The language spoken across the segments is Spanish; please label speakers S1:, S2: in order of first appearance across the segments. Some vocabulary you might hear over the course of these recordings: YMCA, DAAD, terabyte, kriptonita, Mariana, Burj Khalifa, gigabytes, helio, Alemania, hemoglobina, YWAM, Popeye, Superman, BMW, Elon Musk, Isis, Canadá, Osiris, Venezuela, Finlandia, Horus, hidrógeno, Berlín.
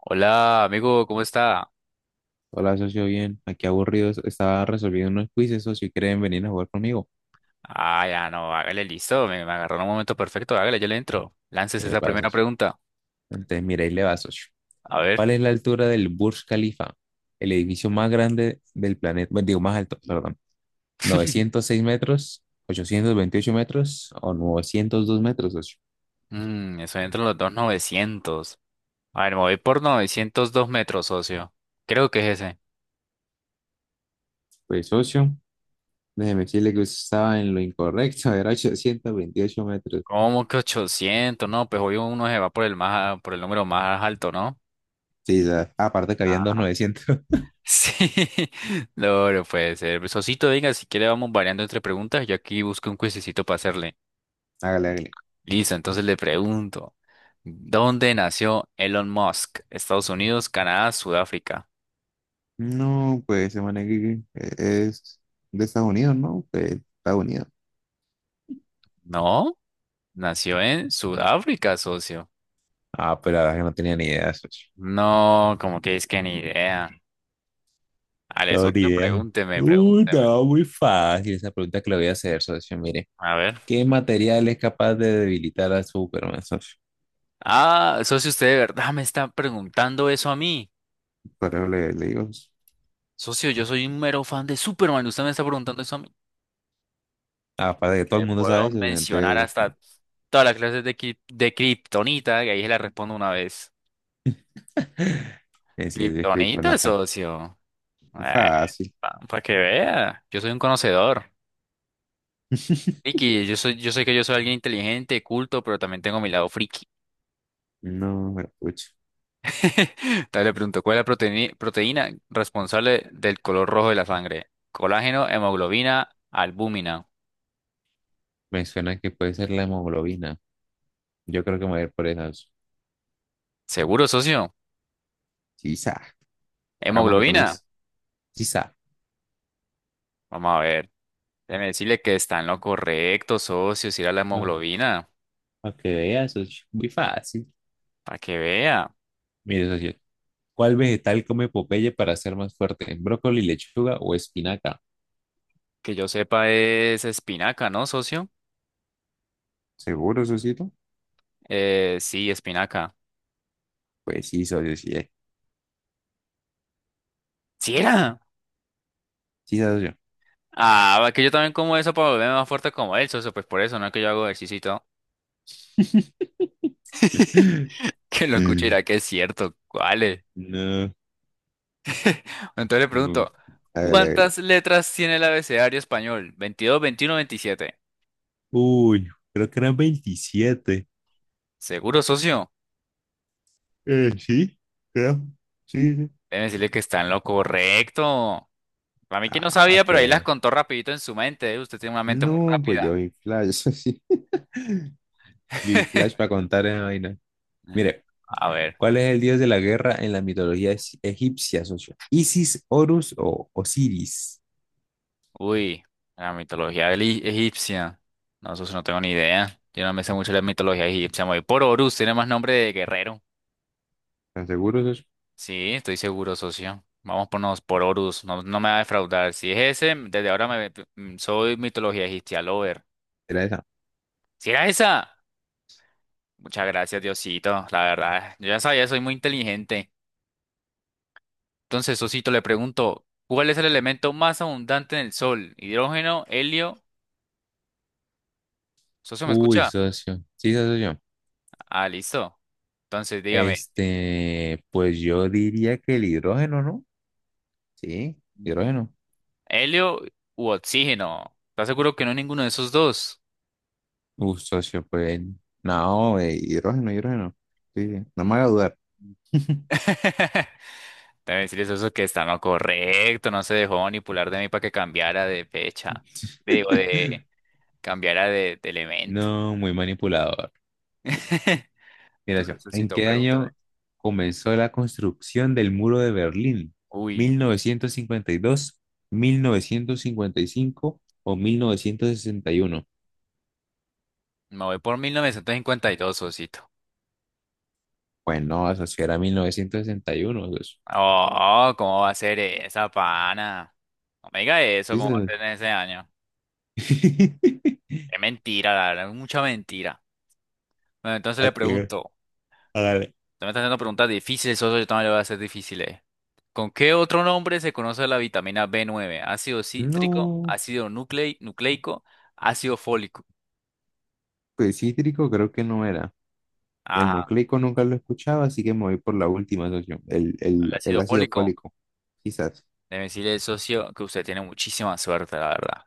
S1: Hola, amigo, ¿cómo está?
S2: Hola, socio, bien. Aquí aburrido. Estaba resolviendo unos quizzes, socio, y quieren venir a jugar conmigo.
S1: Ah, ya no, hágale listo, me agarró en un momento perfecto, hágale, yo le entro. Lances esa
S2: Epa,
S1: primera
S2: socio.
S1: pregunta.
S2: Entonces, mira, ahí le va, socio.
S1: A ver.
S2: ¿Cuál es la altura del Burj Khalifa? El edificio más grande del planeta. Bueno, digo, más alto, perdón. ¿906 metros? ¿828 metros? ¿O 902 metros, socio?
S1: Eso entra en los dos novecientos. A ver, me voy por 902 metros, socio. Creo que es ese.
S2: Pues, socio, déjeme decirle que usted estaba en lo incorrecto. Era 828 metros.
S1: ¿Cómo que 800? No, pues hoy uno se va por el número más alto, ¿no?
S2: Sí, ya. Aparte que habían dos
S1: Ah.
S2: 900.
S1: Sí. No, no puede ser. Socito, venga, si quiere vamos variando entre preguntas. Yo aquí busco un cuisecito para hacerle.
S2: Hágale, hágale.
S1: Listo, entonces le pregunto, ¿dónde nació Elon Musk? ¿Estados Unidos, Canadá, Sudáfrica?
S2: No, pues se maneja que es de Estados Unidos, ¿no? Pues Estados Unidos.
S1: No, nació en Sudáfrica, socio.
S2: Ah, pero la verdad es que no tenía ni idea, socio.
S1: No, como que es que ni idea. Ale,
S2: No, ni
S1: socio,
S2: idea.
S1: pregúnteme,
S2: Uy,
S1: pregúnteme.
S2: no, muy fácil esa pregunta que le voy a hacer, socio. Mire,
S1: A ver.
S2: ¿qué material es capaz de debilitar a Superman, socio?
S1: Ah, socio, usted de verdad me está preguntando eso a mí.
S2: Pero le digo.
S1: Socio, yo soy un mero fan de Superman, usted me está preguntando eso a mí.
S2: Aparte de que todo el
S1: Le
S2: mundo sabe
S1: puedo
S2: eso,
S1: mencionar
S2: entonces
S1: hasta todas las clases de kriptonita, que ahí se la respondo una vez.
S2: es de
S1: Kriptonita,
S2: kriptonita.
S1: socio.
S2: Fácil.
S1: Para que vea, yo soy un conocedor. Friki, yo sé que yo soy alguien inteligente, culto, pero también tengo mi lado friki.
S2: No, pero pucha.
S1: Entonces le pregunto, ¿cuál es la proteína responsable del color rojo de la sangre? Colágeno, hemoglobina, albúmina.
S2: Me suena que puede ser la hemoglobina. Yo creo que me voy a ir por esa, socio.
S1: ¿Seguro, socio?
S2: Quizá. Hagámosle con
S1: ¿Hemoglobina?
S2: eso. Sí sabe.
S1: Vamos a ver. Déjeme decirle que está en lo correcto, socio, si era la
S2: Ah,
S1: hemoglobina.
S2: para que veas, socio. Muy fácil.
S1: Para que vea.
S2: Mire, socio, ¿cuál vegetal come Popeye para ser más fuerte? ¿Brócoli, lechuga o espinaca?
S1: Que yo sepa es espinaca, ¿no, socio?
S2: ¿Seguro, socito?
S1: Sí, espinaca.
S2: Pues sí, socio, sí, eh.
S1: ¿Sí era?
S2: Sí, socio.
S1: Ah, que yo también como eso para volverme más fuerte como él, socio, pues por eso, no es que yo hago ejercicio y todo. Que lo escuche y dirá que es cierto, ¿cuál es?
S2: No.
S1: Entonces le
S2: mm,
S1: pregunto,
S2: Hágale, hágale.
S1: ¿cuántas letras tiene el abecedario español? 22, 21, 27.
S2: Uy, creo que eran 27.
S1: ¿Seguro, socio?
S2: Sí, creo. Sí, sí.
S1: Debe decirle que está en lo correcto. Para mí que no
S2: Ah, ¿para
S1: sabía, pero ahí las
S2: qué?
S1: contó rapidito en su mente, ¿eh? Usted tiene una mente muy
S2: No, pues yo
S1: rápida.
S2: vi flash, sí. Yo vi flash para contar esa vaina. Mire,
S1: A ver.
S2: ¿cuál es el dios de la guerra en la mitología egipcia, socio? ¿Isis, Horus o Osiris?
S1: Uy, la mitología egipcia. No, eso sí no tengo ni idea. Yo no me sé mucho la mitología egipcia. Me voy por Horus, tiene más nombre de guerrero.
S2: ¿Estás seguro, socio?
S1: Sí, estoy seguro, socio. Vamos por Horus, no, no me va a defraudar. Si es ese, desde ahora soy mitología egipcia lover.
S2: ¿Era esa?
S1: ¿Si era esa? Muchas gracias, Diosito. La verdad, yo ya sabía, soy muy inteligente. Entonces, socito, le pregunto, ¿cuál es el elemento más abundante en el Sol? ¿Hidrógeno, helio? ¿Socio, me
S2: Uy,
S1: escucha?
S2: socio. Sí, socio.
S1: Ah, listo. Entonces, dígame.
S2: Este, pues yo diría que el hidrógeno, ¿no? Sí, hidrógeno.
S1: ¿Helio u oxígeno? ¿Estás seguro que no es ninguno de esos dos?
S2: Uf, socio, pues no, hidrógeno, hidrógeno. Sí, sí, no me haga dudar.
S1: Mm. Debe decirles eso que está no correcto, no se dejó manipular de mí para que cambiara de fecha, digo, de cambiara de elemento.
S2: No, muy manipulador. Mira yo,
S1: Entonces,
S2: ¿en
S1: Sosito,
S2: qué
S1: pregúntame.
S2: año comenzó la construcción del muro de Berlín?
S1: Uy,
S2: ¿1952, 1955 o 1961?
S1: me voy por 1952 Sosito.
S2: Pues no, eso sí era 1961, pues.
S1: Oh, ¿cómo va a ser esa pana? No me diga eso,
S2: Sí,
S1: ¿cómo va a ser en ese año? Es mentira, la verdad, es mucha mentira. Bueno, entonces
S2: ¿A
S1: le
S2: qué?
S1: pregunto,
S2: Hágale.
S1: tú me estás haciendo preguntas difíciles, socio, yo también le voy a hacer difíciles. ¿Con qué otro nombre se conoce la vitamina b nueve? Ácido cítrico,
S2: No,
S1: ácido nucleico, ácido fólico.
S2: pues cítrico creo que no era. Y el
S1: Ajá,
S2: nucleico nunca lo escuchaba, así que me voy por la última, socio. El, el,
S1: el
S2: el
S1: ácido
S2: ácido
S1: fólico.
S2: fólico, quizás.
S1: Debe decirle, socio, que usted tiene muchísima suerte, la verdad.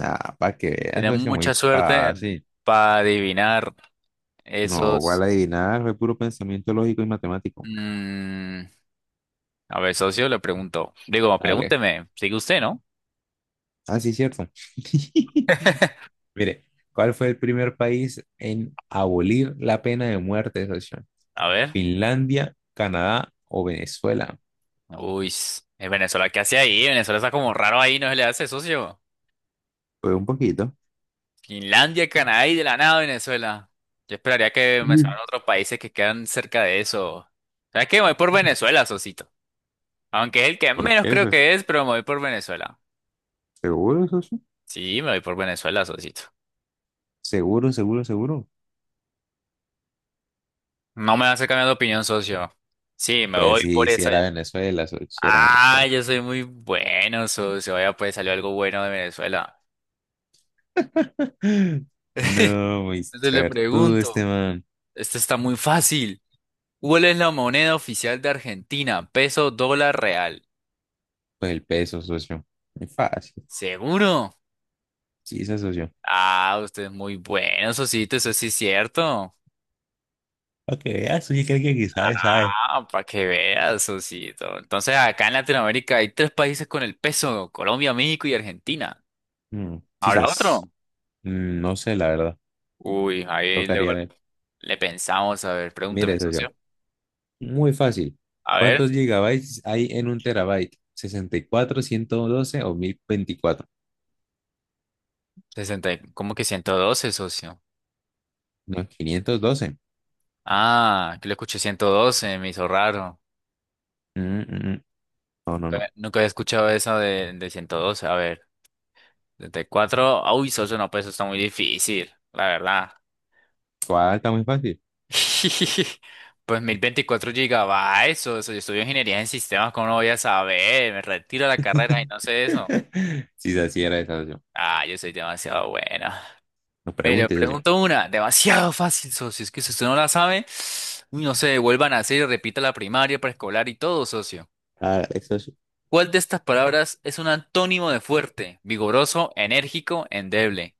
S2: Ah, para que veas,
S1: Tiene
S2: socio,
S1: mucha
S2: muy
S1: suerte
S2: fácil.
S1: para adivinar
S2: No, ¿cuál
S1: esos...
S2: adivinar? Fue puro pensamiento lógico y matemático.
S1: mm, A ver, socio, le pregunto. Digo,
S2: Vale.
S1: pregúnteme, sigue usted, ¿no?
S2: Ah, sí, cierto. Mire, ¿cuál fue el primer país en abolir la pena de muerte, socio?
S1: A ver.
S2: ¿Finlandia, Canadá o Venezuela?
S1: Uy, es Venezuela, ¿qué hace ahí? Venezuela está como raro ahí, ¿no se le hace, socio?
S2: Pues un poquito.
S1: Finlandia, Canadá y de la nada Venezuela. Yo esperaría que
S2: Mm.
S1: mencionaran otros países que quedan cerca de eso. ¿Sabes qué? Me voy por Venezuela, Sosito. Aunque es el que
S2: ¿Por
S1: menos
S2: qué,
S1: creo
S2: socio?
S1: que es, pero me voy por Venezuela.
S2: ¿Seguro, socio?
S1: Sí, me voy por Venezuela, Sosito.
S2: ¿Seguro, seguro, seguro?
S1: No me vas a cambiar de opinión, socio. Sí, me
S2: Pues
S1: voy
S2: sí,
S1: por
S2: sí
S1: esa.
S2: era Venezuela, socio, sí era
S1: Ah,
S2: Venezuela.
S1: yo soy muy bueno, socio. Vaya, pues salió algo bueno de Venezuela.
S2: No, muy
S1: Entonces le
S2: suertudo este
S1: pregunto,
S2: man.
S1: esto está muy fácil. ¿Cuál es la moneda oficial de Argentina? Peso, dólar, real.
S2: Pues el peso, socio. Muy fácil.
S1: ¿Seguro?
S2: Sí, se asoció.
S1: Ah, usted es muy bueno, Sosito, eso sí es cierto.
S2: Para que veas, oye, que alguien que sabe, sabe.
S1: Ah, para que veas, Sosito. Entonces, acá en Latinoamérica hay tres países con el peso, Colombia, México y Argentina. ¿Habrá otro?
S2: Quizás. No sé, la verdad.
S1: Uy, ahí
S2: Tocaría
S1: luego
S2: ver.
S1: le pensamos, a ver,
S2: Mire
S1: pregúnteme,
S2: eso yo.
S1: socio.
S2: Muy fácil.
S1: A ver,
S2: ¿Cuántos gigabytes hay en un terabyte? ¿64, 112 o 1024?
S1: sesenta, ¿cómo que 112, socio?
S2: No, 512.
S1: Ah, que le escuché 112, me hizo raro.
S2: Mm, mm, mm. No, no, no.
S1: Nunca, nunca había escuchado eso de 112. A ver, 74. Uy, socio, no, pues eso está muy difícil, la verdad.
S2: ¿Cuál está muy fácil?
S1: Pues 1024 gigabytes, o eso, yo estudio ingeniería en sistemas, ¿cómo no voy a saber? Me retiro de la carrera y no sé eso.
S2: Si así era esa opción.
S1: Ah, yo soy demasiado buena.
S2: No
S1: Mira,
S2: preguntes, opción.
S1: pregunto una, demasiado fácil, socio, es que si usted no la sabe, uy, no sé, vuelvan a hacer y repita la primaria, preescolar y todo, socio.
S2: Ah, eso sí.
S1: ¿Cuál de estas palabras es un antónimo de fuerte, vigoroso, enérgico, endeble?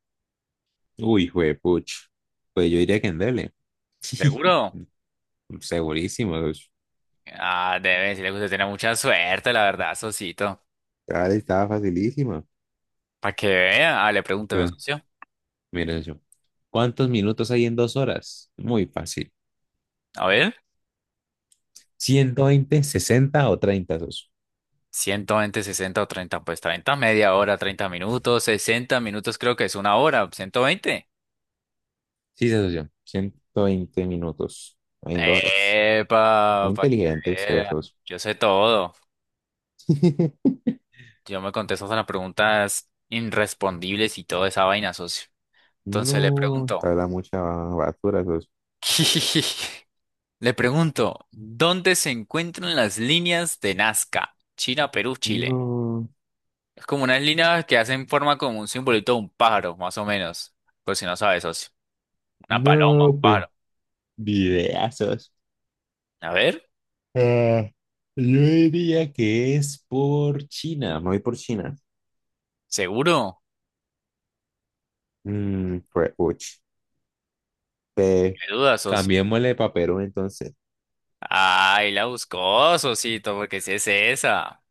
S2: Uy, juepuch. Pues yo diría que en Dele.
S1: ¿Seguro?
S2: Segurísimo, socio.
S1: Ah, debe decirle que usted tiene mucha suerte, la verdad, socito.
S2: Claro, estaba facilísima.
S1: Para que vea, ah, le pregúnteme,
S2: Pero
S1: socio.
S2: Mira yo. ¿Cuántos minutos hay en 2 horas? Muy fácil.
S1: A ver.
S2: ¿120, 60 o 30, socio?
S1: 120 60 o 30 pues 30 media hora, 30 minutos, 60 minutos creo que es una hora, 120.
S2: Sí, socio. 120 minutos hay en 2 horas. Muy
S1: Epa, para que
S2: inteligente ustedes,
S1: vean.
S2: socio.
S1: Yo sé todo. Yo me contesto a las preguntas irrespondibles y toda esa vaina, socio. Entonces le
S2: No, te
S1: pregunto,
S2: habla mucha basura, socio.
S1: le pregunto, ¿dónde se encuentran las líneas de Nazca? China, Perú, Chile.
S2: No,
S1: Es como unas líneas que hacen forma como un simbolito de un pájaro, más o menos. Por si no sabes, socio. Una paloma,
S2: no,
S1: un
S2: pues,
S1: pájaro.
S2: videazos.
S1: A ver.
S2: Ah, yo diría que es por China. Me voy por China.
S1: ¿Seguro?
S2: Mm, pues, uch. Eh,
S1: ¿Qué duda, socio?
S2: Cambiémosle para Perú, entonces.
S1: Ay, la buscó, socito, porque si es esa.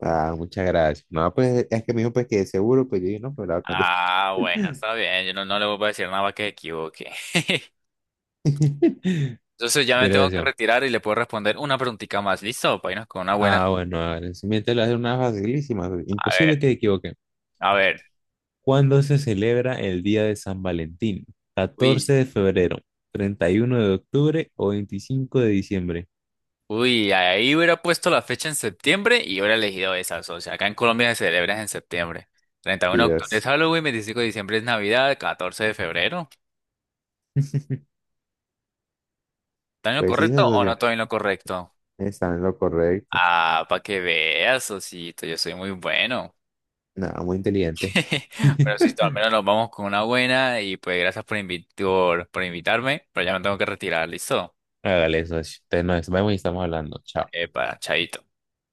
S2: Ah, muchas gracias. No, pues es que me dijo pues que de seguro, pues yo dije, no, pero la voy a cambiar.
S1: Ah, bueno, está bien. Yo no, no le voy a decir nada para que se equivoque. Entonces ya me
S2: Mira,
S1: tengo que
S2: decía,
S1: retirar y le puedo responder una preguntita más. ¿Listo? Para irnos con una buena.
S2: ah, bueno, a ver, siguiente le voy a hacer una facilísima,
S1: A ver,
S2: imposible que te equivoquen.
S1: a ver.
S2: ¿Cuándo se celebra el Día de San Valentín? ¿14
S1: Uy,
S2: de febrero, 31 de octubre o 25 de diciembre?
S1: uy, ahí hubiera puesto la fecha en septiembre y hubiera elegido esa, socio. Acá en Colombia se celebra en septiembre. treinta y
S2: Y
S1: uno de octubre es
S2: las-
S1: Halloween, 25 de diciembre es Navidad, 14 de febrero. ¿Está en lo
S2: pues sí,
S1: correcto o no
S2: socio,
S1: estoy en lo correcto?
S2: está en lo correcto.
S1: Ah, para que veas, Sosito, yo soy muy bueno.
S2: Nada, muy inteligente.
S1: Pero si al menos nos vamos con una buena y pues gracias por invitarme, pero ya me tengo que retirar, ¿listo?
S2: Hágale, socio. Entonces, nos vemos y estamos hablando. Chao.
S1: Epa, chaito.